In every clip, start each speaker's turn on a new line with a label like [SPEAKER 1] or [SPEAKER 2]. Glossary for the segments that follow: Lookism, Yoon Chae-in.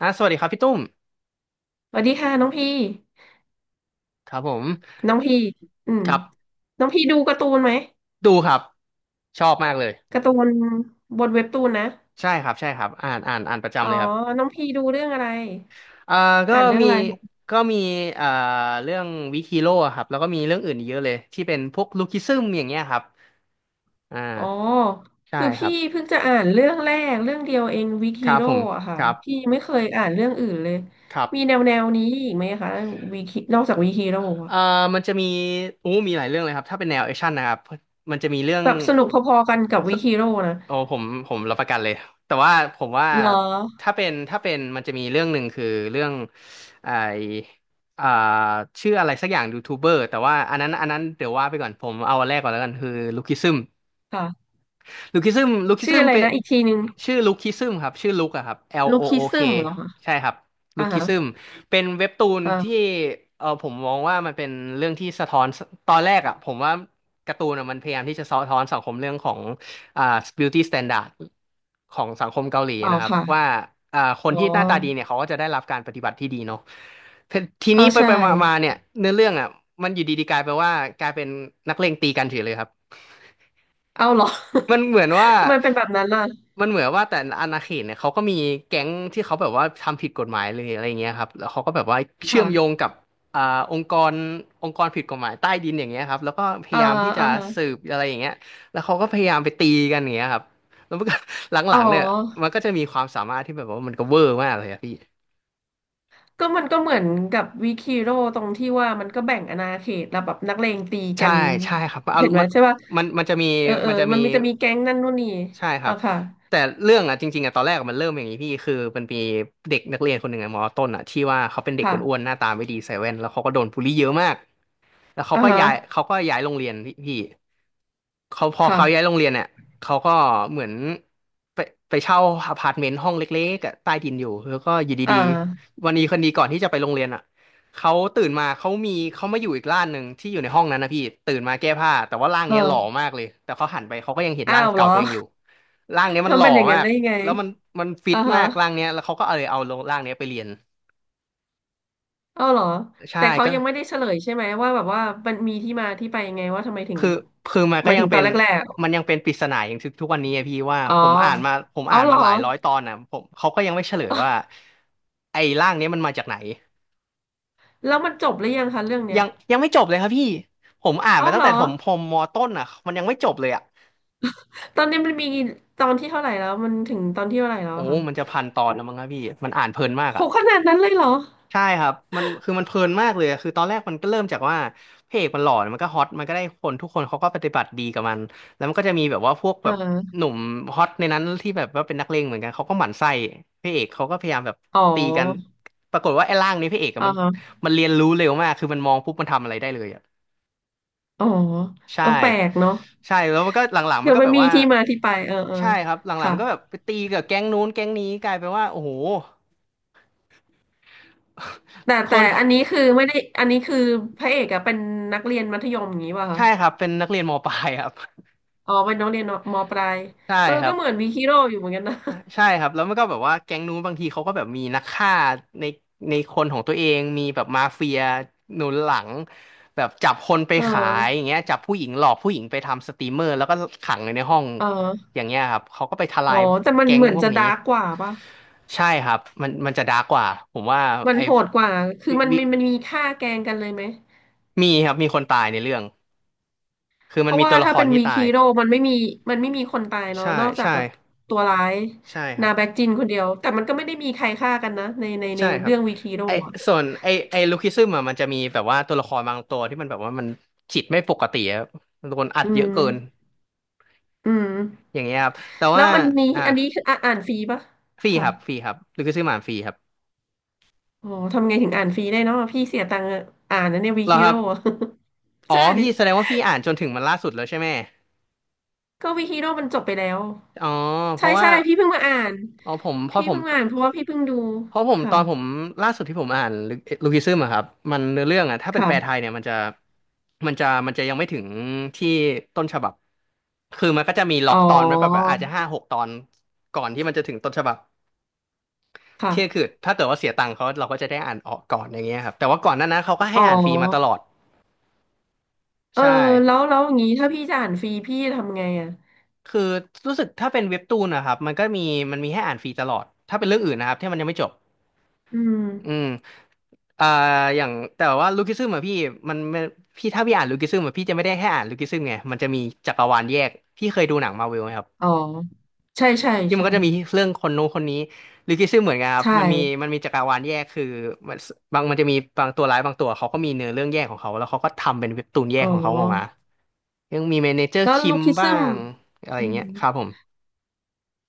[SPEAKER 1] อ่ะสวัสดีครับพี่ตุ้ม
[SPEAKER 2] สวัสดีค่ะน้องพี่
[SPEAKER 1] ครับผม
[SPEAKER 2] น้องพี่อืม
[SPEAKER 1] ครับ
[SPEAKER 2] น้องพี่ดูการ์ตูนไหม
[SPEAKER 1] ดูครับชอบมากเลย
[SPEAKER 2] การ์ตูนบนเว็บตูนนะ
[SPEAKER 1] ใช่ครับใช่ครับอ่านอ่านอ่านประ
[SPEAKER 2] อ๋
[SPEAKER 1] จำ
[SPEAKER 2] อ
[SPEAKER 1] เลยครับ
[SPEAKER 2] น้องพี่ดูเรื่องอะไร
[SPEAKER 1] อ่าก็
[SPEAKER 2] อ่านเรื่อง
[SPEAKER 1] มี
[SPEAKER 2] อะไรคะ
[SPEAKER 1] มีอ่าเรื่องวิคิโร่ครับแล้วก็มีเรื่องอื่นอีกเยอะเลยที่เป็นพวกลูคิซึมอย่างเงี้ยครับอ่า
[SPEAKER 2] อ๋อ
[SPEAKER 1] ใช่
[SPEAKER 2] คือ
[SPEAKER 1] ครั
[SPEAKER 2] พี่
[SPEAKER 1] บ
[SPEAKER 2] เพิ่งจะอ่านเรื่องแรกเรื่องเดียวเองวิก
[SPEAKER 1] ค
[SPEAKER 2] ฮี
[SPEAKER 1] รับ
[SPEAKER 2] โร่
[SPEAKER 1] ผม
[SPEAKER 2] อะค่ะ
[SPEAKER 1] ครับ
[SPEAKER 2] พี่ไม่เคยอ่านเรื่องอื่นเลย
[SPEAKER 1] ครับ
[SPEAKER 2] มีแนวแนวนี้อีกไหมคะวิกนอกจากวิกฮีโร่อะ
[SPEAKER 1] เอ่อมันจะมีอู้มีหลายเรื่องเลยครับถ้าเป็นแนวแอคชั่นนะครับมันจะมีเรื่อง
[SPEAKER 2] แบบสนุกพอๆกันกับวิกฮีโร่นะ
[SPEAKER 1] โอ้ผมรับประกันเลยแต่ว่าผมว่า
[SPEAKER 2] เหรอ
[SPEAKER 1] ถ้าเป็นมันจะมีเรื่องหนึ่งคือเรื่องไออ่าชื่ออะไรสักอย่างยูทูบเบอร์แต่ว่าอันนั้นเดี๋ยวว่าไปก่อนผมเอาอันแรกก่อนแล้วกันคือลูคิซึม
[SPEAKER 2] ค่ะ
[SPEAKER 1] ลูคิซึมลูคิ
[SPEAKER 2] ชื่
[SPEAKER 1] ซึ
[SPEAKER 2] อ
[SPEAKER 1] ม
[SPEAKER 2] อะไร
[SPEAKER 1] เป็น
[SPEAKER 2] นะอีกทีนึง
[SPEAKER 1] ชื่อลูคิซึมครับชื่อลุคอะครับ L
[SPEAKER 2] ลู
[SPEAKER 1] O
[SPEAKER 2] คิ
[SPEAKER 1] O K
[SPEAKER 2] ซึมเหรอคะ
[SPEAKER 1] ใช่ครับลู
[SPEAKER 2] อ่า
[SPEAKER 1] คิซึ
[SPEAKER 2] ฮะ
[SPEAKER 1] มเป็นเว็บตูนที่
[SPEAKER 2] อ่า
[SPEAKER 1] เออผมมองว่ามันเป็นเรื่องที่สะท้อนตอนแรกอะผมว่าการ์ตูนอะมันพยายามที่จะสะท้อนสังคมเรื่องของอ่า beauty standard ของสังคมเกาหลี
[SPEAKER 2] อ๋อ
[SPEAKER 1] นะครับ
[SPEAKER 2] ค่ะ
[SPEAKER 1] ว่าคน
[SPEAKER 2] อ๋อ
[SPEAKER 1] ที่หน้าตาดีเนี่ยเขาก็จะได้รับการปฏิบัติที่ดีเนาะที
[SPEAKER 2] เอา
[SPEAKER 1] นี้ไป
[SPEAKER 2] ใช่
[SPEAKER 1] ไปมามาเนี่ยเนื้อเรื่องอะมันอยู่ดีๆกลายไปว่ากลายเป็นนักเลงตีกันเฉยเลยครับ
[SPEAKER 2] เอาเหรอ
[SPEAKER 1] มันเหมือนว่า
[SPEAKER 2] ทำไมเป็นแบบนั้นล่ะ
[SPEAKER 1] มันเหมือนว่าแต่อาณาเขตเนี่ยเขาก็มีแก๊งที่เขาแบบว่าทำผิดกฎหมายเลยอะไรอย่างเงี้ยครับแล้วเขาก็แบบว่าเชื่อมโยง
[SPEAKER 2] ค่ะ
[SPEAKER 1] กับอ่าองค์กรองค์กรผิดกฎหมายใต้ดินอย่างเงี้ยครับแล้วก็พ
[SPEAKER 2] อ่า
[SPEAKER 1] ยายามที่จะ
[SPEAKER 2] อ่าฮะ
[SPEAKER 1] สืบอะไรอย่างเงี้ยแล้วเขาก็พยายามไปตีกันอย่างเงี้ยครับแล้วมันก็ ห
[SPEAKER 2] อ๋
[SPEAKER 1] ลังๆเนี่ย
[SPEAKER 2] อ
[SPEAKER 1] มันก็จะมีความสามารถที่แบบว่ามันก็เวอร์มากเลยอะพี่
[SPEAKER 2] ก็มันก็เหมือนกับวิคิโร่ตรงที่ว่ามันก็แบ่งอาณาเขตแล้วแบบนักเลงตีกั
[SPEAKER 1] ใช่
[SPEAKER 2] น
[SPEAKER 1] ใช่ครับเอา
[SPEAKER 2] เห็นไหม
[SPEAKER 1] มัน
[SPEAKER 2] ใช่ป่ะ
[SPEAKER 1] มันมันจะมี
[SPEAKER 2] เออเออ
[SPEAKER 1] มันจะมี
[SPEAKER 2] มันมีจะมีแก๊งนั่นนู่นนี่
[SPEAKER 1] ใช่ครั
[SPEAKER 2] อ่ะ
[SPEAKER 1] บ
[SPEAKER 2] ค่ะ
[SPEAKER 1] แต่เรื่องอ่ะจริงๆอ่ะตอนแรกอะมันเริ่มอย่างนี้พี่คือมันมีเด็กนักเรียนคนหนึ่งอ่ะมอต้นอ่ะที่ว่าเขาเป็นเด็กอ้วน
[SPEAKER 2] ค่ะ
[SPEAKER 1] ๆหน้าตาไม่ดีเซเว่นแล้วเขาก็โดนบูลลี่เยอะมากแล้วเขา
[SPEAKER 2] อ่า
[SPEAKER 1] ก็
[SPEAKER 2] ฮะ
[SPEAKER 1] ย้ายเขาก็ย้ายโรงเรียนพี่ เขาพอเขาย้ายโร
[SPEAKER 2] ค่ะ
[SPEAKER 1] งเรียนเนี่ยเขาก็เหมือนไปไปเช่าอพาร์ตเมนต์ห้องเล็กๆอะใต้ดินอยู่แล้วก็อยู่
[SPEAKER 2] อ่
[SPEAKER 1] ดี
[SPEAKER 2] า
[SPEAKER 1] ๆวันนี้คนดีก่อนที่จะไปโรงเรียนอ่ะเขาตื่นมาเขามีเขามาอยู่อีกร่างหนึ่งที่อยู่ในห้องนั้นนะพี่ตื่นมาแก้ผ้าแต่ว่าร่างเนี้ยหล่อ
[SPEAKER 2] เออ
[SPEAKER 1] มากเลยแต่เขาหันไปเขาก็ยังเห็น
[SPEAKER 2] อ้า
[SPEAKER 1] ร่าง
[SPEAKER 2] วเหร
[SPEAKER 1] เก่า
[SPEAKER 2] อ
[SPEAKER 1] ตัวเองอยู่ร่างเนี้ย มันห
[SPEAKER 2] ทำ
[SPEAKER 1] ล่
[SPEAKER 2] เป็
[SPEAKER 1] อ
[SPEAKER 2] นอย่างนั้
[SPEAKER 1] มา
[SPEAKER 2] น
[SPEAKER 1] ก
[SPEAKER 2] ได้ยังไง
[SPEAKER 1] แล้วมันฟิต
[SPEAKER 2] อ่า
[SPEAKER 1] มา
[SPEAKER 2] ฮะ
[SPEAKER 1] กร่างเนี้ยแล้วเขาก็เลยเอาร่างเนี้ยไปเรียน
[SPEAKER 2] อ้าวเหรอ
[SPEAKER 1] ใช่
[SPEAKER 2] แต่เขา
[SPEAKER 1] ก็
[SPEAKER 2] ยังไม่ได้เฉลยใช่ไหมว่าแบบว่ามันมีที่มาที่ไปยังไงว่าทำไมถึง
[SPEAKER 1] คือคือมัน
[SPEAKER 2] ห
[SPEAKER 1] ก็
[SPEAKER 2] มาย
[SPEAKER 1] ยั
[SPEAKER 2] ถึ
[SPEAKER 1] ง
[SPEAKER 2] งต
[SPEAKER 1] เป็
[SPEAKER 2] อน
[SPEAKER 1] น
[SPEAKER 2] แรก
[SPEAKER 1] มัน
[SPEAKER 2] ๆ
[SPEAKER 1] ยังเป็นปริศนาอย่างทุกวันนี้อะพี่ว่า
[SPEAKER 2] อ๋อ
[SPEAKER 1] ผมอ่านมาผม
[SPEAKER 2] อ๋อ
[SPEAKER 1] อ่าน
[SPEAKER 2] เหร
[SPEAKER 1] มา
[SPEAKER 2] อ
[SPEAKER 1] หลายร้อยตอนนะผมเขาก็ยังไม่เฉลยว่า ไอ้ร่างเนี้ยมันมาจากไหน
[SPEAKER 2] แล้วมันจบหรือยังคะเรื่องเนี้
[SPEAKER 1] ยั
[SPEAKER 2] ย
[SPEAKER 1] งไม่จบเลยครับพี่ผมอ่าน
[SPEAKER 2] เอา
[SPEAKER 1] มาตั้
[SPEAKER 2] เห
[SPEAKER 1] ง
[SPEAKER 2] ร
[SPEAKER 1] แต่
[SPEAKER 2] อ
[SPEAKER 1] ถมพรมมอต้นอ่ะมันยังไม่จบเลยอ่ะ
[SPEAKER 2] ตอนนี้มันมีตอนที่เท่าไหร่แล้วมันถึงตอนที่เท่าไหร่แล้ว
[SPEAKER 1] โอ้
[SPEAKER 2] อะคะ
[SPEAKER 1] มันจะพันตอนแล้วมั้งครับพี่มันอ่านเพลินมาก
[SPEAKER 2] โห
[SPEAKER 1] อ่ะ
[SPEAKER 2] ขนาดนั้นเลยเหรอ
[SPEAKER 1] ใช่ครับมันคือมันเพลินมากเลยอะคือตอนแรกมันก็เริ่มจากว่าพระเอกมันหล่อมันก็ฮอตมันก็ได้คนทุกคนเขาก็ปฏิบัติดีกับมันแล้วมันก็จะมีแบบว่าพวกแบ
[SPEAKER 2] อ่
[SPEAKER 1] บห
[SPEAKER 2] า
[SPEAKER 1] นุ่มฮอตในนั้นที่แบบว่าเป็นนักเลงเหมือนกันเขาก็หมั่นไส้พระเอกเขาก็พยายามแบบ
[SPEAKER 2] อ๋
[SPEAKER 1] ตีกัน
[SPEAKER 2] อ
[SPEAKER 1] ปรากฏว่าไอ้ร่างนี้พระเอกอะ
[SPEAKER 2] อ่า
[SPEAKER 1] มัน
[SPEAKER 2] ฮะ
[SPEAKER 1] มันเรียนรู้เร็วมากคือมันมองปุ๊บมันทำอะไรได้เลยอ่ะ
[SPEAKER 2] อ๋อ
[SPEAKER 1] ใช่
[SPEAKER 2] เออแปลกเนาะ
[SPEAKER 1] ใช่แล้วมันก็หลังๆมั
[SPEAKER 2] เดี๋
[SPEAKER 1] น
[SPEAKER 2] ยว
[SPEAKER 1] ก็
[SPEAKER 2] มั
[SPEAKER 1] แบ
[SPEAKER 2] น
[SPEAKER 1] บ
[SPEAKER 2] มี
[SPEAKER 1] ว่า
[SPEAKER 2] ที่มาที่ไปเออเอ
[SPEAKER 1] ใช่
[SPEAKER 2] อ
[SPEAKER 1] ครับหลังๆ
[SPEAKER 2] ค่ะ
[SPEAKER 1] มันก็แบบไปตีกับแก๊งนู้นแก๊งนี้กลายเป็นว่าโอ้โห
[SPEAKER 2] แต่
[SPEAKER 1] ค
[SPEAKER 2] แต่
[SPEAKER 1] น
[SPEAKER 2] อันนี้คือไม่ได้อันนี้คือพระเอกอะเป็นนักเรียนมัธยมอย่างนี้ป่ะคะ
[SPEAKER 1] ใช่ครับเป็นนักเรียนมปลายครับ
[SPEAKER 2] อ๋อเป็นนักเรียนมปลาย
[SPEAKER 1] ใช่
[SPEAKER 2] เออ
[SPEAKER 1] ครั
[SPEAKER 2] ก็
[SPEAKER 1] บ
[SPEAKER 2] เหมือนวีคิโร่อยู่เหมือนกันนะ
[SPEAKER 1] ใช่ ใช่ครับแล้วมันก็แบบว่าแก๊งนู้นบางทีเขาก็แบบมีนักฆ่าในในคนของตัวเองมีแบบมาเฟียหนุนหลังแบบจับคนไป
[SPEAKER 2] เอ
[SPEAKER 1] ขายอ
[SPEAKER 2] อ
[SPEAKER 1] ย่างเงี้ยจับผู้หญิงหลอกผู้หญิงไปทำสตรีมเมอร์แล้วก็ขังไว้ในห้อง
[SPEAKER 2] เออ
[SPEAKER 1] อย่างเงี้ยครับเขาก็ไปทลา
[SPEAKER 2] อ๋
[SPEAKER 1] ย
[SPEAKER 2] อแต่มัน
[SPEAKER 1] แก๊ง
[SPEAKER 2] เหมือน
[SPEAKER 1] พวก
[SPEAKER 2] จะ
[SPEAKER 1] นี้
[SPEAKER 2] ดาร์กกว่าป่ะ
[SPEAKER 1] ใช่ครับมันจะดาร์กกว่าผมว่า
[SPEAKER 2] มัน
[SPEAKER 1] ไอ้
[SPEAKER 2] โหดกว่า คือ
[SPEAKER 1] วิ
[SPEAKER 2] มัน
[SPEAKER 1] วิ
[SPEAKER 2] มันมีฆ่าแกล้งกันเลยไหม
[SPEAKER 1] มีครับมีคนตายในเรื่องคือ
[SPEAKER 2] เพ
[SPEAKER 1] มัน
[SPEAKER 2] ราะ
[SPEAKER 1] มี
[SPEAKER 2] ว่า
[SPEAKER 1] ตัวละ
[SPEAKER 2] ถ้า
[SPEAKER 1] คร
[SPEAKER 2] เป็น
[SPEAKER 1] ที่
[SPEAKER 2] วี
[SPEAKER 1] ตา
[SPEAKER 2] คี
[SPEAKER 1] ย
[SPEAKER 2] โร่มันไม่มี มันไม่มีคนตายเนาะ
[SPEAKER 1] ใช่
[SPEAKER 2] นอกจาก
[SPEAKER 1] ใช่
[SPEAKER 2] แบบตัวร้าย
[SPEAKER 1] ใช่ครั
[SPEAKER 2] นา
[SPEAKER 1] บ
[SPEAKER 2] แบ็กจินคนเดียว แต่มันก็ไม่ได้มีใครฆ่ากันนะในใน
[SPEAKER 1] ใช่ครับ
[SPEAKER 2] เรื่องวีคีโร่
[SPEAKER 1] ไอ
[SPEAKER 2] อะ
[SPEAKER 1] ส่วนไอไอลูคิซึมอะมันจะมีแบบว่าตัวละครบางตัวที่มันแบบว่ามันจิตไม่ปกติครับโดนอัด
[SPEAKER 2] อื
[SPEAKER 1] เยอะ
[SPEAKER 2] ม
[SPEAKER 1] เกิน
[SPEAKER 2] อืม
[SPEAKER 1] อย่างเงี้ยครับแต่
[SPEAKER 2] แล้
[SPEAKER 1] ว่า
[SPEAKER 2] วอันนี้
[SPEAKER 1] อ่า
[SPEAKER 2] อันนี้คืออ่ะอ่านฟรีปะ
[SPEAKER 1] ฟรีค
[SPEAKER 2] ค่ะ
[SPEAKER 1] รับฟรีครับลูคิซึมอ่านฟรีครับ
[SPEAKER 2] อ๋อทำไงถึงอ่านฟรีได้เนาะพี่เสียตังค์อ่านนะเนี่ยวี
[SPEAKER 1] เหรอ
[SPEAKER 2] คี
[SPEAKER 1] ครั
[SPEAKER 2] โร่
[SPEAKER 1] บ อ๋อ
[SPEAKER 2] ใช่
[SPEAKER 1] พี่แสดงว่าพี่อ่านจนถึงมันล่าสุดแล้วใช่ไหม
[SPEAKER 2] ก็วีคีโร่มันจบไปแล้ว
[SPEAKER 1] อ๋อเพ
[SPEAKER 2] ใช่
[SPEAKER 1] ราะว่า
[SPEAKER 2] ใช่พี่เพิ่งมาอ่าน
[SPEAKER 1] อ๋อผมเพราะ
[SPEAKER 2] พี่
[SPEAKER 1] ผม
[SPEAKER 2] เพิ่งมาอ่านเพราะว่าพี่เพิ่งดู
[SPEAKER 1] เพราะผมต
[SPEAKER 2] ค่ะ
[SPEAKER 1] อนผมล่าสุดที่ผมอ่านลูคิซึมอะครับมันเนื้อเรื่องอะถ้าเป็นแปลไท
[SPEAKER 2] ค่ะ
[SPEAKER 1] ยเนี่ยมันจะมันจะยังไม่ถึงที่ต้นฉบับคือมันก็จะมีล็อ
[SPEAKER 2] อ๋อ
[SPEAKER 1] กตอนไว้แบบอาจจะห้าหกตอนก่อนที่มันจะถึงต้นฉบับเที่ยคือ
[SPEAKER 2] ค่ะ
[SPEAKER 1] ถ้าเกิดว่าเสียตังค์เขาเราก็จะได้อ่านออกก่อนอย่างเงี้ยครับแต่ว่าก่อนหน้านั้นเขาก็
[SPEAKER 2] อ๋
[SPEAKER 1] ให้
[SPEAKER 2] อ
[SPEAKER 1] อ่านฟรีมาตลอด
[SPEAKER 2] เออ
[SPEAKER 1] ใช่
[SPEAKER 2] แล้วแล้วอย่างนี้ถ้าพี่จะอ่านฟรีพี่ทำไงอ่ะ
[SPEAKER 1] คือรู้สึกถ้าเป็นเว็บตูนนะครับมันก็มีมันมีให้อ่านฟรีตลอดถ้าเป็นเรื่องอื่นนะครับที่มันยังไม่จบ
[SPEAKER 2] อืม
[SPEAKER 1] อืม อ่าอย่างแต่ว่าลูคิซึมอะพี่มันพี่ถ้าพี่อ่านลูคิซึมอะพี่จะไม่ได้แค่อ่านลูคิซึมไงมันจะมีจักรวาลแยกพี่เคยดูหนังมาร์วลไหมครับ
[SPEAKER 2] อ๋อใช่ใช่
[SPEAKER 1] ที่มัน
[SPEAKER 2] ใช่
[SPEAKER 1] ก็จะมีเรื่องคนนู้นคนนี้ลูคิซึมเหมือนกันครั
[SPEAKER 2] ใช
[SPEAKER 1] บมันมี
[SPEAKER 2] ่
[SPEAKER 1] มันมีจักรวาลแยกคือมันบางมันจะมีบางตัวร้ายบางตัวเขาก็มีเนื้อเรื่องแยกของเขาแล้วเขาก็ทำเป็นเว็บตูนแย
[SPEAKER 2] อ๋
[SPEAKER 1] ก
[SPEAKER 2] อ
[SPEAKER 1] ของเขาออกมายังมีเมเนเจอร์
[SPEAKER 2] แล้ว
[SPEAKER 1] คิ
[SPEAKER 2] ลู
[SPEAKER 1] ม
[SPEAKER 2] คิ
[SPEAKER 1] บ้า
[SPEAKER 2] ซึม
[SPEAKER 1] งอะไรอ
[SPEAKER 2] อื
[SPEAKER 1] ย่างเงี้ย
[SPEAKER 2] ม
[SPEAKER 1] ครับผม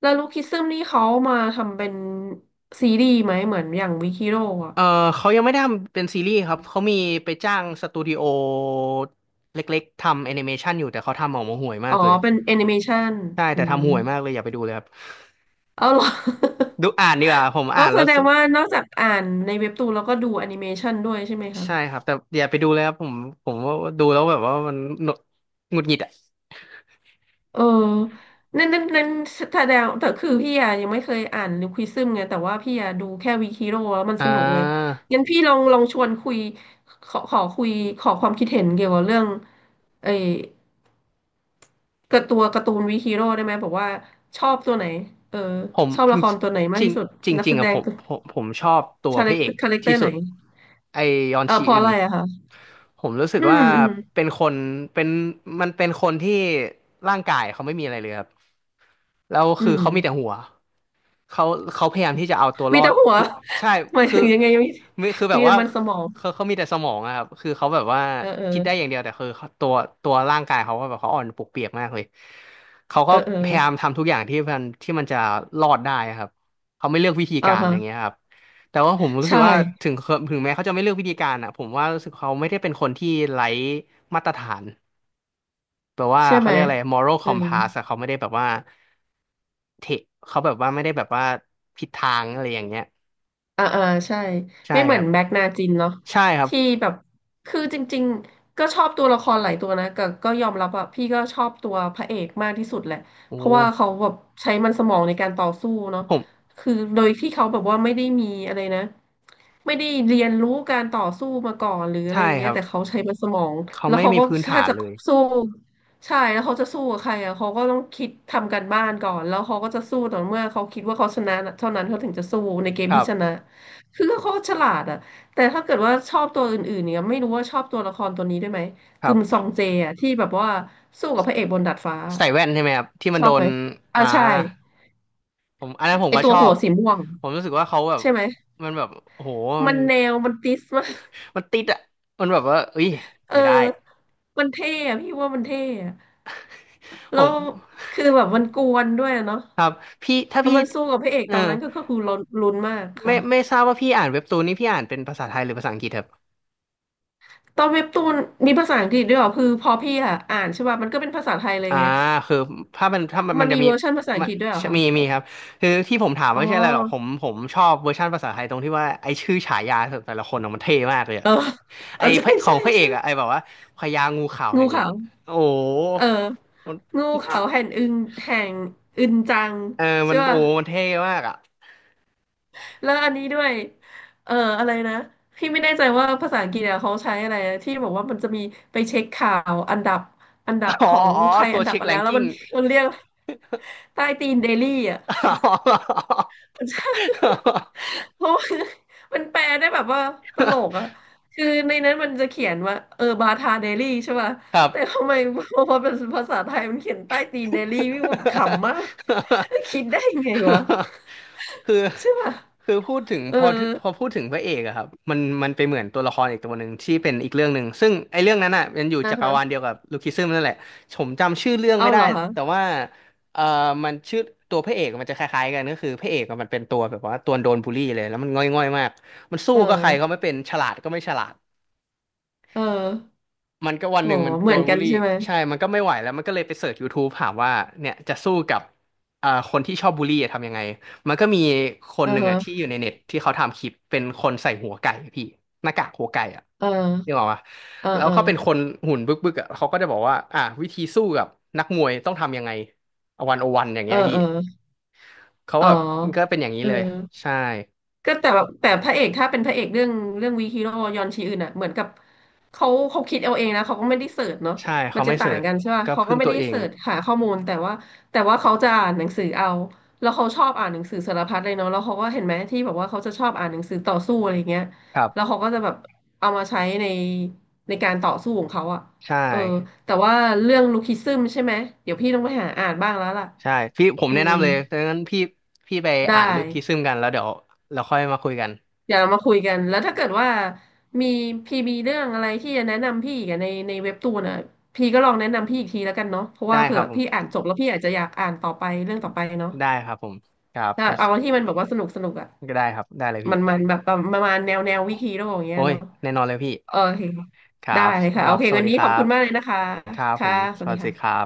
[SPEAKER 2] แล้วลูคิซึมนี่เขามาทำเป็นซีรีส์ไหมเหมือนอย่างวิคิโร่อะ
[SPEAKER 1] เออเขายังไม่ได้ทำเป็นซีรีส์ครับเขามีไปจ้างสตูดิโอเล็กๆทำแอนิเมชันอยู่แต่เขาทำออกมาห่วยมา
[SPEAKER 2] อ๋อ
[SPEAKER 1] กเลย
[SPEAKER 2] เป็นแอนิเมชัน
[SPEAKER 1] ใช่
[SPEAKER 2] อื
[SPEAKER 1] แต่
[SPEAKER 2] ม
[SPEAKER 1] ทำห่วยมากเลยอย่าไปดูเลยครับ
[SPEAKER 2] เอาเหรอ
[SPEAKER 1] ดูอ่านดีกว่าผม
[SPEAKER 2] ก็
[SPEAKER 1] อ่าน
[SPEAKER 2] แส
[SPEAKER 1] แล้ว
[SPEAKER 2] ด
[SPEAKER 1] ส
[SPEAKER 2] งว่านอกจากอ่านในเว็บตูนแล้วก็ดูแอนิเมชันด้วยใช่ไหมคะ
[SPEAKER 1] ใช่ครับแต่อย่าไปดูเลยครับผมผมว่าดูแล้วแบบว่ามันหนกหงุดหงิดอ่ะ
[SPEAKER 2] เออ นั่นนั่นนั่นแสดงแต่คือพี่อะยังไม่เคยอ่านนิวควิซึมไงแต่ว่าพี่อะดูแค่วิคิโร่แล้วมันส
[SPEAKER 1] อ่า
[SPEAKER 2] นุกไงงั้นพี่ลองลองชวนคุยขอขอคุยขอความคิดเห็นเกี่ยวกับเรื่องไอ้กระตัวการ์ตูนวิคิโร่ได้ไหมบอกว่าชอบตัวไหนเออ
[SPEAKER 1] ผม
[SPEAKER 2] ชอบละครตัวไหนมา
[SPEAKER 1] จ
[SPEAKER 2] ก
[SPEAKER 1] ริง
[SPEAKER 2] ที่สุด
[SPEAKER 1] จริง
[SPEAKER 2] นั
[SPEAKER 1] จ
[SPEAKER 2] ก
[SPEAKER 1] ริง
[SPEAKER 2] แส
[SPEAKER 1] ๆอ่ะ
[SPEAKER 2] ด
[SPEAKER 1] ผ
[SPEAKER 2] ง
[SPEAKER 1] ม
[SPEAKER 2] ตัว
[SPEAKER 1] ผมผมชอบตัวพระเอก
[SPEAKER 2] คาแรคเต
[SPEAKER 1] ที่
[SPEAKER 2] อร์ไห
[SPEAKER 1] สุ
[SPEAKER 2] น
[SPEAKER 1] ดไอยอน
[SPEAKER 2] เออ
[SPEAKER 1] ชี
[SPEAKER 2] เพราะ
[SPEAKER 1] อึ
[SPEAKER 2] อะ
[SPEAKER 1] น
[SPEAKER 2] ไรอะคะ
[SPEAKER 1] ผมรู้สึก
[SPEAKER 2] อื
[SPEAKER 1] ว่า
[SPEAKER 2] มอืม
[SPEAKER 1] เป็นคนเป็นมันเป็นคนที่ร่างกายเขาไม่มีอะไรเลยครับแล้ว
[SPEAKER 2] อื
[SPEAKER 1] คือ
[SPEAKER 2] ม
[SPEAKER 1] เขามีแต่หัวเขาเขาพยายามที่จะเอาตัวร
[SPEAKER 2] มี
[SPEAKER 1] อ
[SPEAKER 2] แต่
[SPEAKER 1] ด
[SPEAKER 2] หัว
[SPEAKER 1] ทุกใช่
[SPEAKER 2] หมาย
[SPEAKER 1] คือ
[SPEAKER 2] ถึงยังไงมี
[SPEAKER 1] ไม่คือแบ
[SPEAKER 2] มี
[SPEAKER 1] บ
[SPEAKER 2] แต่
[SPEAKER 1] ว่า
[SPEAKER 2] มันสมอง
[SPEAKER 1] เขามีแต่สมองอะครับคือเขาแบบว่า
[SPEAKER 2] เออเออ
[SPEAKER 1] คิดได้อย่างเดียวแต่คือเขาตัวตัวร่างกายเขาก็แบบเขาอ่อนปวกเปียกมากเลยเขา
[SPEAKER 2] เอ
[SPEAKER 1] ก็
[SPEAKER 2] อเออ
[SPEAKER 1] พยายามทำทุกอย่างที่มันที่มันจะรอดได้อะครับเขาไม่เลือกวิธี
[SPEAKER 2] อ่า
[SPEAKER 1] การ
[SPEAKER 2] ฮะ
[SPEAKER 1] อย่างเงี้ยครับแต่ว่าผมรู้สึ
[SPEAKER 2] ใช่
[SPEAKER 1] กว่าถึงเขาถึงแม้เขาจะไม่เลือกวิธีการอะผมว่ารู้สึกเขาไม่ได้เป็นคนที่ไร้มาตรฐานแปลว่า
[SPEAKER 2] ใช่
[SPEAKER 1] เขา
[SPEAKER 2] ไหม
[SPEAKER 1] เรียกอะไร moral
[SPEAKER 2] เอ
[SPEAKER 1] compass
[SPEAKER 2] อ
[SPEAKER 1] อะเขาไม่ได้แบบว่าเทเขาแบบว่าไม่ได้แบบว่าผิดทางอะไรอย่างเงี้ย
[SPEAKER 2] อ่าอ่าใช่
[SPEAKER 1] ใช่
[SPEAKER 2] ไม่เห
[SPEAKER 1] ค
[SPEAKER 2] มือ
[SPEAKER 1] รั
[SPEAKER 2] น
[SPEAKER 1] บ
[SPEAKER 2] แม็กนาจินเนาะ
[SPEAKER 1] ใช่ครับ
[SPEAKER 2] ที่แบบคือจริงๆก็ชอบตัวละครหลายตัวนะก็ก็ยอมรับว่าพี่ก็ชอบตัวพระเอกมากที่สุดแหละ
[SPEAKER 1] โอ้
[SPEAKER 2] เพราะว่าเขาแบบใช้มันสมองในการต่อสู้เนาะ
[SPEAKER 1] ผม
[SPEAKER 2] คือโดยที่เขาแบบว่าไม่ได้มีอะไรนะไม่ได้เรียนรู้การต่อสู้มาก่อนหรืออะไร
[SPEAKER 1] ใช่
[SPEAKER 2] อย่าง
[SPEAKER 1] ค
[SPEAKER 2] เงี้ย
[SPEAKER 1] รับ
[SPEAKER 2] แต่เขาใช้มันสมอง
[SPEAKER 1] เขา
[SPEAKER 2] แล้ว
[SPEAKER 1] ไม่
[SPEAKER 2] เขา
[SPEAKER 1] มี
[SPEAKER 2] ก็
[SPEAKER 1] พื้นฐา
[SPEAKER 2] ถ้า
[SPEAKER 1] น
[SPEAKER 2] จะ
[SPEAKER 1] เลย
[SPEAKER 2] สู้ใช่แล้วเขาจะสู้กับใครอ่ะเขาก็ต้องคิดทำการบ้านก่อนแล้วเขาก็จะสู้ต่อเมื่อเขาคิดว่าเขาชนะเท่านั้นเขาถึงจะสู้ในเกม
[SPEAKER 1] ครั
[SPEAKER 2] ที่ชนะ
[SPEAKER 1] บ
[SPEAKER 2] คือเขาฉลาดอะแต่ถ้าเกิดว่าชอบตัวอื่นๆเนี่ยไม่รู้ว่าชอบตัวละครตัวนี้ด้วยไหม
[SPEAKER 1] ครั
[SPEAKER 2] กึมซอ
[SPEAKER 1] บ
[SPEAKER 2] งเจอะที่แบบว่าสู้กับพระเอกบนดาดฟ้า
[SPEAKER 1] ใส่แว่นใช่ไหมครับที่มั
[SPEAKER 2] ช
[SPEAKER 1] นโด
[SPEAKER 2] อบไหม
[SPEAKER 1] น
[SPEAKER 2] อ่า
[SPEAKER 1] อ่า
[SPEAKER 2] ใช่
[SPEAKER 1] ผมอันนั้นผม
[SPEAKER 2] ไอ
[SPEAKER 1] ก็
[SPEAKER 2] ตั
[SPEAKER 1] ช
[SPEAKER 2] ว
[SPEAKER 1] อ
[SPEAKER 2] หั
[SPEAKER 1] บ
[SPEAKER 2] วสีม่วง
[SPEAKER 1] ผมรู้สึกว่าเขาแบบ
[SPEAKER 2] ใช่ไหม
[SPEAKER 1] มันแบบโอ้โหมั
[SPEAKER 2] มั
[SPEAKER 1] น
[SPEAKER 2] นแนวมันติสมาก
[SPEAKER 1] มันติดอ่ะมันแบบว่าเอ้ย
[SPEAKER 2] เอ
[SPEAKER 1] ไม่ได้
[SPEAKER 2] อมันเท่อะพี่ว่ามันเท่อะ
[SPEAKER 1] ผ
[SPEAKER 2] แล้
[SPEAKER 1] ม
[SPEAKER 2] วคือแบบมันกวนด้วยอะเนาะ
[SPEAKER 1] ครับพี่ถ้า
[SPEAKER 2] แล้ว
[SPEAKER 1] พี่
[SPEAKER 2] มันสู้กับพระเอก
[SPEAKER 1] เออ
[SPEAKER 2] ตอนนั้นก็ก็คือลุ้นลุ้นมาก
[SPEAKER 1] ไม่
[SPEAKER 2] ค่ะ
[SPEAKER 1] ไม่ทราบว่าพี่อ่านเว็บตูนนี่พี่อ่านเป็นภาษาไทยหรือภาษาอังกฤษครับ
[SPEAKER 2] ตอนเว็บตูนมีภาษาอังกฤษด้วยเหรอคือพอพี่อะอ่านใช่ป่ะมันก็เป็นภาษาไทยเลย
[SPEAKER 1] อ่า
[SPEAKER 2] ไง
[SPEAKER 1] คือถ้ามัน
[SPEAKER 2] มั
[SPEAKER 1] มั
[SPEAKER 2] น
[SPEAKER 1] นจะ
[SPEAKER 2] มี
[SPEAKER 1] มี
[SPEAKER 2] เวอร์ชันภาษาอั
[SPEAKER 1] มั
[SPEAKER 2] ง
[SPEAKER 1] น
[SPEAKER 2] กฤษด้วยเหรอคะ
[SPEAKER 1] มีมีครับคือที่ผมถาม
[SPEAKER 2] อ๋อ
[SPEAKER 1] ไม่ใช่อะไรหรอกผมชอบเวอร์ชันภาษาไทยตรงที่ว่าไอชื่อฉายาแต่ละคนอะมันเท่มากเลยอะ
[SPEAKER 2] เออ เอ
[SPEAKER 1] ไอ
[SPEAKER 2] อ
[SPEAKER 1] พ
[SPEAKER 2] ใช่
[SPEAKER 1] ระขอ
[SPEAKER 2] ใช่
[SPEAKER 1] งพระเอกอะไอ
[SPEAKER 2] ใช่
[SPEAKER 1] แบบว่าพญางูขาว
[SPEAKER 2] งู
[SPEAKER 1] แห่ง
[SPEAKER 2] ขาว
[SPEAKER 1] โอ้โห
[SPEAKER 2] เออ
[SPEAKER 1] มัน
[SPEAKER 2] งูขาวแห่งอึงแห่งอึนจัง
[SPEAKER 1] เออมั
[SPEAKER 2] ใช่
[SPEAKER 1] นโอ้
[SPEAKER 2] ป่ะ
[SPEAKER 1] มันเท่มากอะ
[SPEAKER 2] แล้วอันนี้ด้วย เอออะไรนะ พี่ไม่แน่ใจว่าภาษาอังกฤษเนี่ยเขาใช้อะไรนะที่บอกว่ามันจะมีไปเช็คข่าวอันดับอันดับ
[SPEAKER 1] อ๋อ
[SPEAKER 2] ของ
[SPEAKER 1] อ๋อ
[SPEAKER 2] ใคร
[SPEAKER 1] ตั
[SPEAKER 2] อั
[SPEAKER 1] ว
[SPEAKER 2] นดับ
[SPEAKER 1] เช็ค
[SPEAKER 2] อะไร
[SPEAKER 1] แรง
[SPEAKER 2] แล้ว
[SPEAKER 1] กิ้ง
[SPEAKER 2] มัน มันเรียกใต้ตีนเดลี่อ่ะ
[SPEAKER 1] อ๋อ
[SPEAKER 2] ใช่เพราะว่า มันแปลได้แบบว่าตลกอะ คือในนั้นมันจะเขียนว่าบาทาเดลี่ใช่ป่ะ
[SPEAKER 1] ครับ
[SPEAKER 2] แต่ทำไมพอมาเป็นภาษาไทยมันเขียนใต้ตีนเดลี่พี่แบบขำมาก คิดได้ยังไงวะ
[SPEAKER 1] คือ
[SPEAKER 2] ใช่ป่ะ
[SPEAKER 1] คือพูดถึง
[SPEAKER 2] เออ
[SPEAKER 1] พอพอพูดถึงพระเอกอะครับมันมันไปเหมือนตัวละครอีกตัวหนึ่งที่เป็นอีกเรื่องหนึ่งซึ่งไอ้เรื่องนั้นอะมันอยู่
[SPEAKER 2] อ่า
[SPEAKER 1] จักร
[SPEAKER 2] ฮะ
[SPEAKER 1] วาลเดียวกับลูคิซึมนั่นแหละผมจำชื่อเรื่อง
[SPEAKER 2] เอา
[SPEAKER 1] ไม่
[SPEAKER 2] เห
[SPEAKER 1] ได้
[SPEAKER 2] รอฮะ
[SPEAKER 1] แต่ว่าเอ่อมันชื่อตัวพระเอกมันจะคล้ายๆกันก็คือพระเอกอะมันเป็นตัวแบบว่าตัวโดนบูลลี่เลยแล้วมันง่อยๆมากมันสู้
[SPEAKER 2] เอ
[SPEAKER 1] ก็ใครก็ไม่
[SPEAKER 2] อ
[SPEAKER 1] เป็นฉลาดก็ไม่ฉลาด
[SPEAKER 2] เออ
[SPEAKER 1] มันก็วัน
[SPEAKER 2] อ๋
[SPEAKER 1] ห
[SPEAKER 2] อ
[SPEAKER 1] นึ่งมัน
[SPEAKER 2] เห
[SPEAKER 1] โด
[SPEAKER 2] มือน
[SPEAKER 1] น
[SPEAKER 2] กั
[SPEAKER 1] บูล
[SPEAKER 2] น
[SPEAKER 1] ลี่
[SPEAKER 2] ใช่ไหม
[SPEAKER 1] ใช่มันก็ไม่ไหวแล้วมันก็เลยไปเสิร์ช YouTube ถามว่าเนี่ยจะสู้กับคนที่ชอบบูลลี่อะทำยังไงมันก็มีคน
[SPEAKER 2] เอ่
[SPEAKER 1] หนึ่ง
[SPEAKER 2] ฮะ
[SPEAKER 1] อ่ะที่อยู่ในเน็ตที่เขาทำคลิปเป็นคนใส่หัวไก่อะพี่หน้ากากหัวไก่อ่ะ
[SPEAKER 2] เ
[SPEAKER 1] นึก
[SPEAKER 2] ออ
[SPEAKER 1] ออกปะ
[SPEAKER 2] เออ
[SPEAKER 1] แล้ว
[SPEAKER 2] เออ
[SPEAKER 1] เขาเป็นคนหุ่นบึกบึกอ่ะเขาก็จะบอกว่าอ่ะวิธีสู้กับนักมวยต้องทำยังไง101อย่าง
[SPEAKER 2] เอ
[SPEAKER 1] เงี้
[SPEAKER 2] อ
[SPEAKER 1] ยพี่
[SPEAKER 2] เออ
[SPEAKER 1] เขา
[SPEAKER 2] อ๋อ
[SPEAKER 1] แบบก็เป็นอย่างนี้
[SPEAKER 2] เออ
[SPEAKER 1] เลยใช่
[SPEAKER 2] ก็แต่แบบแต่พระเอกถ้าเป็นพระเอกเรื่องเรื่องวีฮีโร่ยอนชีอึนอ่ะเหมือนกับเขาคิดเอาเองนะเขาก็ไม่ได้เสิร์ชเนาะ
[SPEAKER 1] ใช่
[SPEAKER 2] มั
[SPEAKER 1] เขา
[SPEAKER 2] นจะ
[SPEAKER 1] ไม่เสิ
[SPEAKER 2] ต่าง
[SPEAKER 1] ร์ช
[SPEAKER 2] กันใช่ป่ะ
[SPEAKER 1] ก็
[SPEAKER 2] เขา
[SPEAKER 1] พึ่
[SPEAKER 2] ก็
[SPEAKER 1] ง
[SPEAKER 2] ไม่
[SPEAKER 1] ตัว
[SPEAKER 2] ได้
[SPEAKER 1] เอง
[SPEAKER 2] เสิร์ชหาข้อมูลแต่ว่าแต่ว่าเขาจะอ่านหนังสือเอาแล้วเขาชอบอ่านหนังสือสารพัดเลยเนาะแล้วเขาก็เห็นไหมที่แบบว่าเขาจะชอบอ่านหนังสือต่อสู้อะไรเงี้ย
[SPEAKER 1] ครั
[SPEAKER 2] แล้ว
[SPEAKER 1] บ
[SPEAKER 2] เขาก็จะแบบเอามาใช้ในการต่อสู้ของเขาอ่ะ
[SPEAKER 1] ใช่
[SPEAKER 2] เออแต่ว่าเรื่องลูคิซึมใช่ไหมเดี๋ยวพี่ต้องไปหาอ่านบ้างแล้วล่ะ
[SPEAKER 1] ใช่พี่ผม
[SPEAKER 2] อื
[SPEAKER 1] แนะ
[SPEAKER 2] ม
[SPEAKER 1] นำเลยดังนั้นพี่พี่ไปอ่าน
[SPEAKER 2] ได้
[SPEAKER 1] ลึกคิดซึมกันแล้วเดี๋ยวเราค่อยมาคุยกัน
[SPEAKER 2] เดี๋ยวเรามาคุยกันแล้วถ้า
[SPEAKER 1] ได้
[SPEAKER 2] เกิดว่ามีพี่มีเรื่องอะไรที่จะแนะนำพี่อีกันในเว็บตูนอ่ะพี่ก็ลองแนะนำพี่อีกทีแล้วกันเนาะเพราะว่า
[SPEAKER 1] ได้ค
[SPEAKER 2] เผื่
[SPEAKER 1] รั
[SPEAKER 2] อ
[SPEAKER 1] บผ
[SPEAKER 2] พี่
[SPEAKER 1] ม
[SPEAKER 2] อ่านจบแล้วพี่อาจจะอยากอ่านต่อไปเรื่องต่อไปเนาะ
[SPEAKER 1] ได้ครับผมครับ
[SPEAKER 2] ถ้าเอาที่มันแบบว่าสนุกอ่ะ
[SPEAKER 1] ก็ได้ครับได้เลยพี่
[SPEAKER 2] มันมันแบบประมาณแนววิคิโร่อย่างเงี้ย
[SPEAKER 1] โอ้ย
[SPEAKER 2] เนาะ
[SPEAKER 1] แน่นอนเลยพี่
[SPEAKER 2] โอเค
[SPEAKER 1] ครั
[SPEAKER 2] ได้
[SPEAKER 1] บ
[SPEAKER 2] ค่ะ
[SPEAKER 1] ค
[SPEAKER 2] โอ
[SPEAKER 1] รับ
[SPEAKER 2] เค
[SPEAKER 1] สวั
[SPEAKER 2] วั
[SPEAKER 1] ส
[SPEAKER 2] น
[SPEAKER 1] ดี
[SPEAKER 2] นี้
[SPEAKER 1] ค
[SPEAKER 2] ขอ
[SPEAKER 1] รั
[SPEAKER 2] บคุ
[SPEAKER 1] บ
[SPEAKER 2] ณมากเลยนะคะ
[SPEAKER 1] ครับผ
[SPEAKER 2] ค่ะ
[SPEAKER 1] ม
[SPEAKER 2] ส
[SPEAKER 1] ส
[SPEAKER 2] วัสดี
[SPEAKER 1] วัสดี
[SPEAKER 2] ค่ะ
[SPEAKER 1] ครับ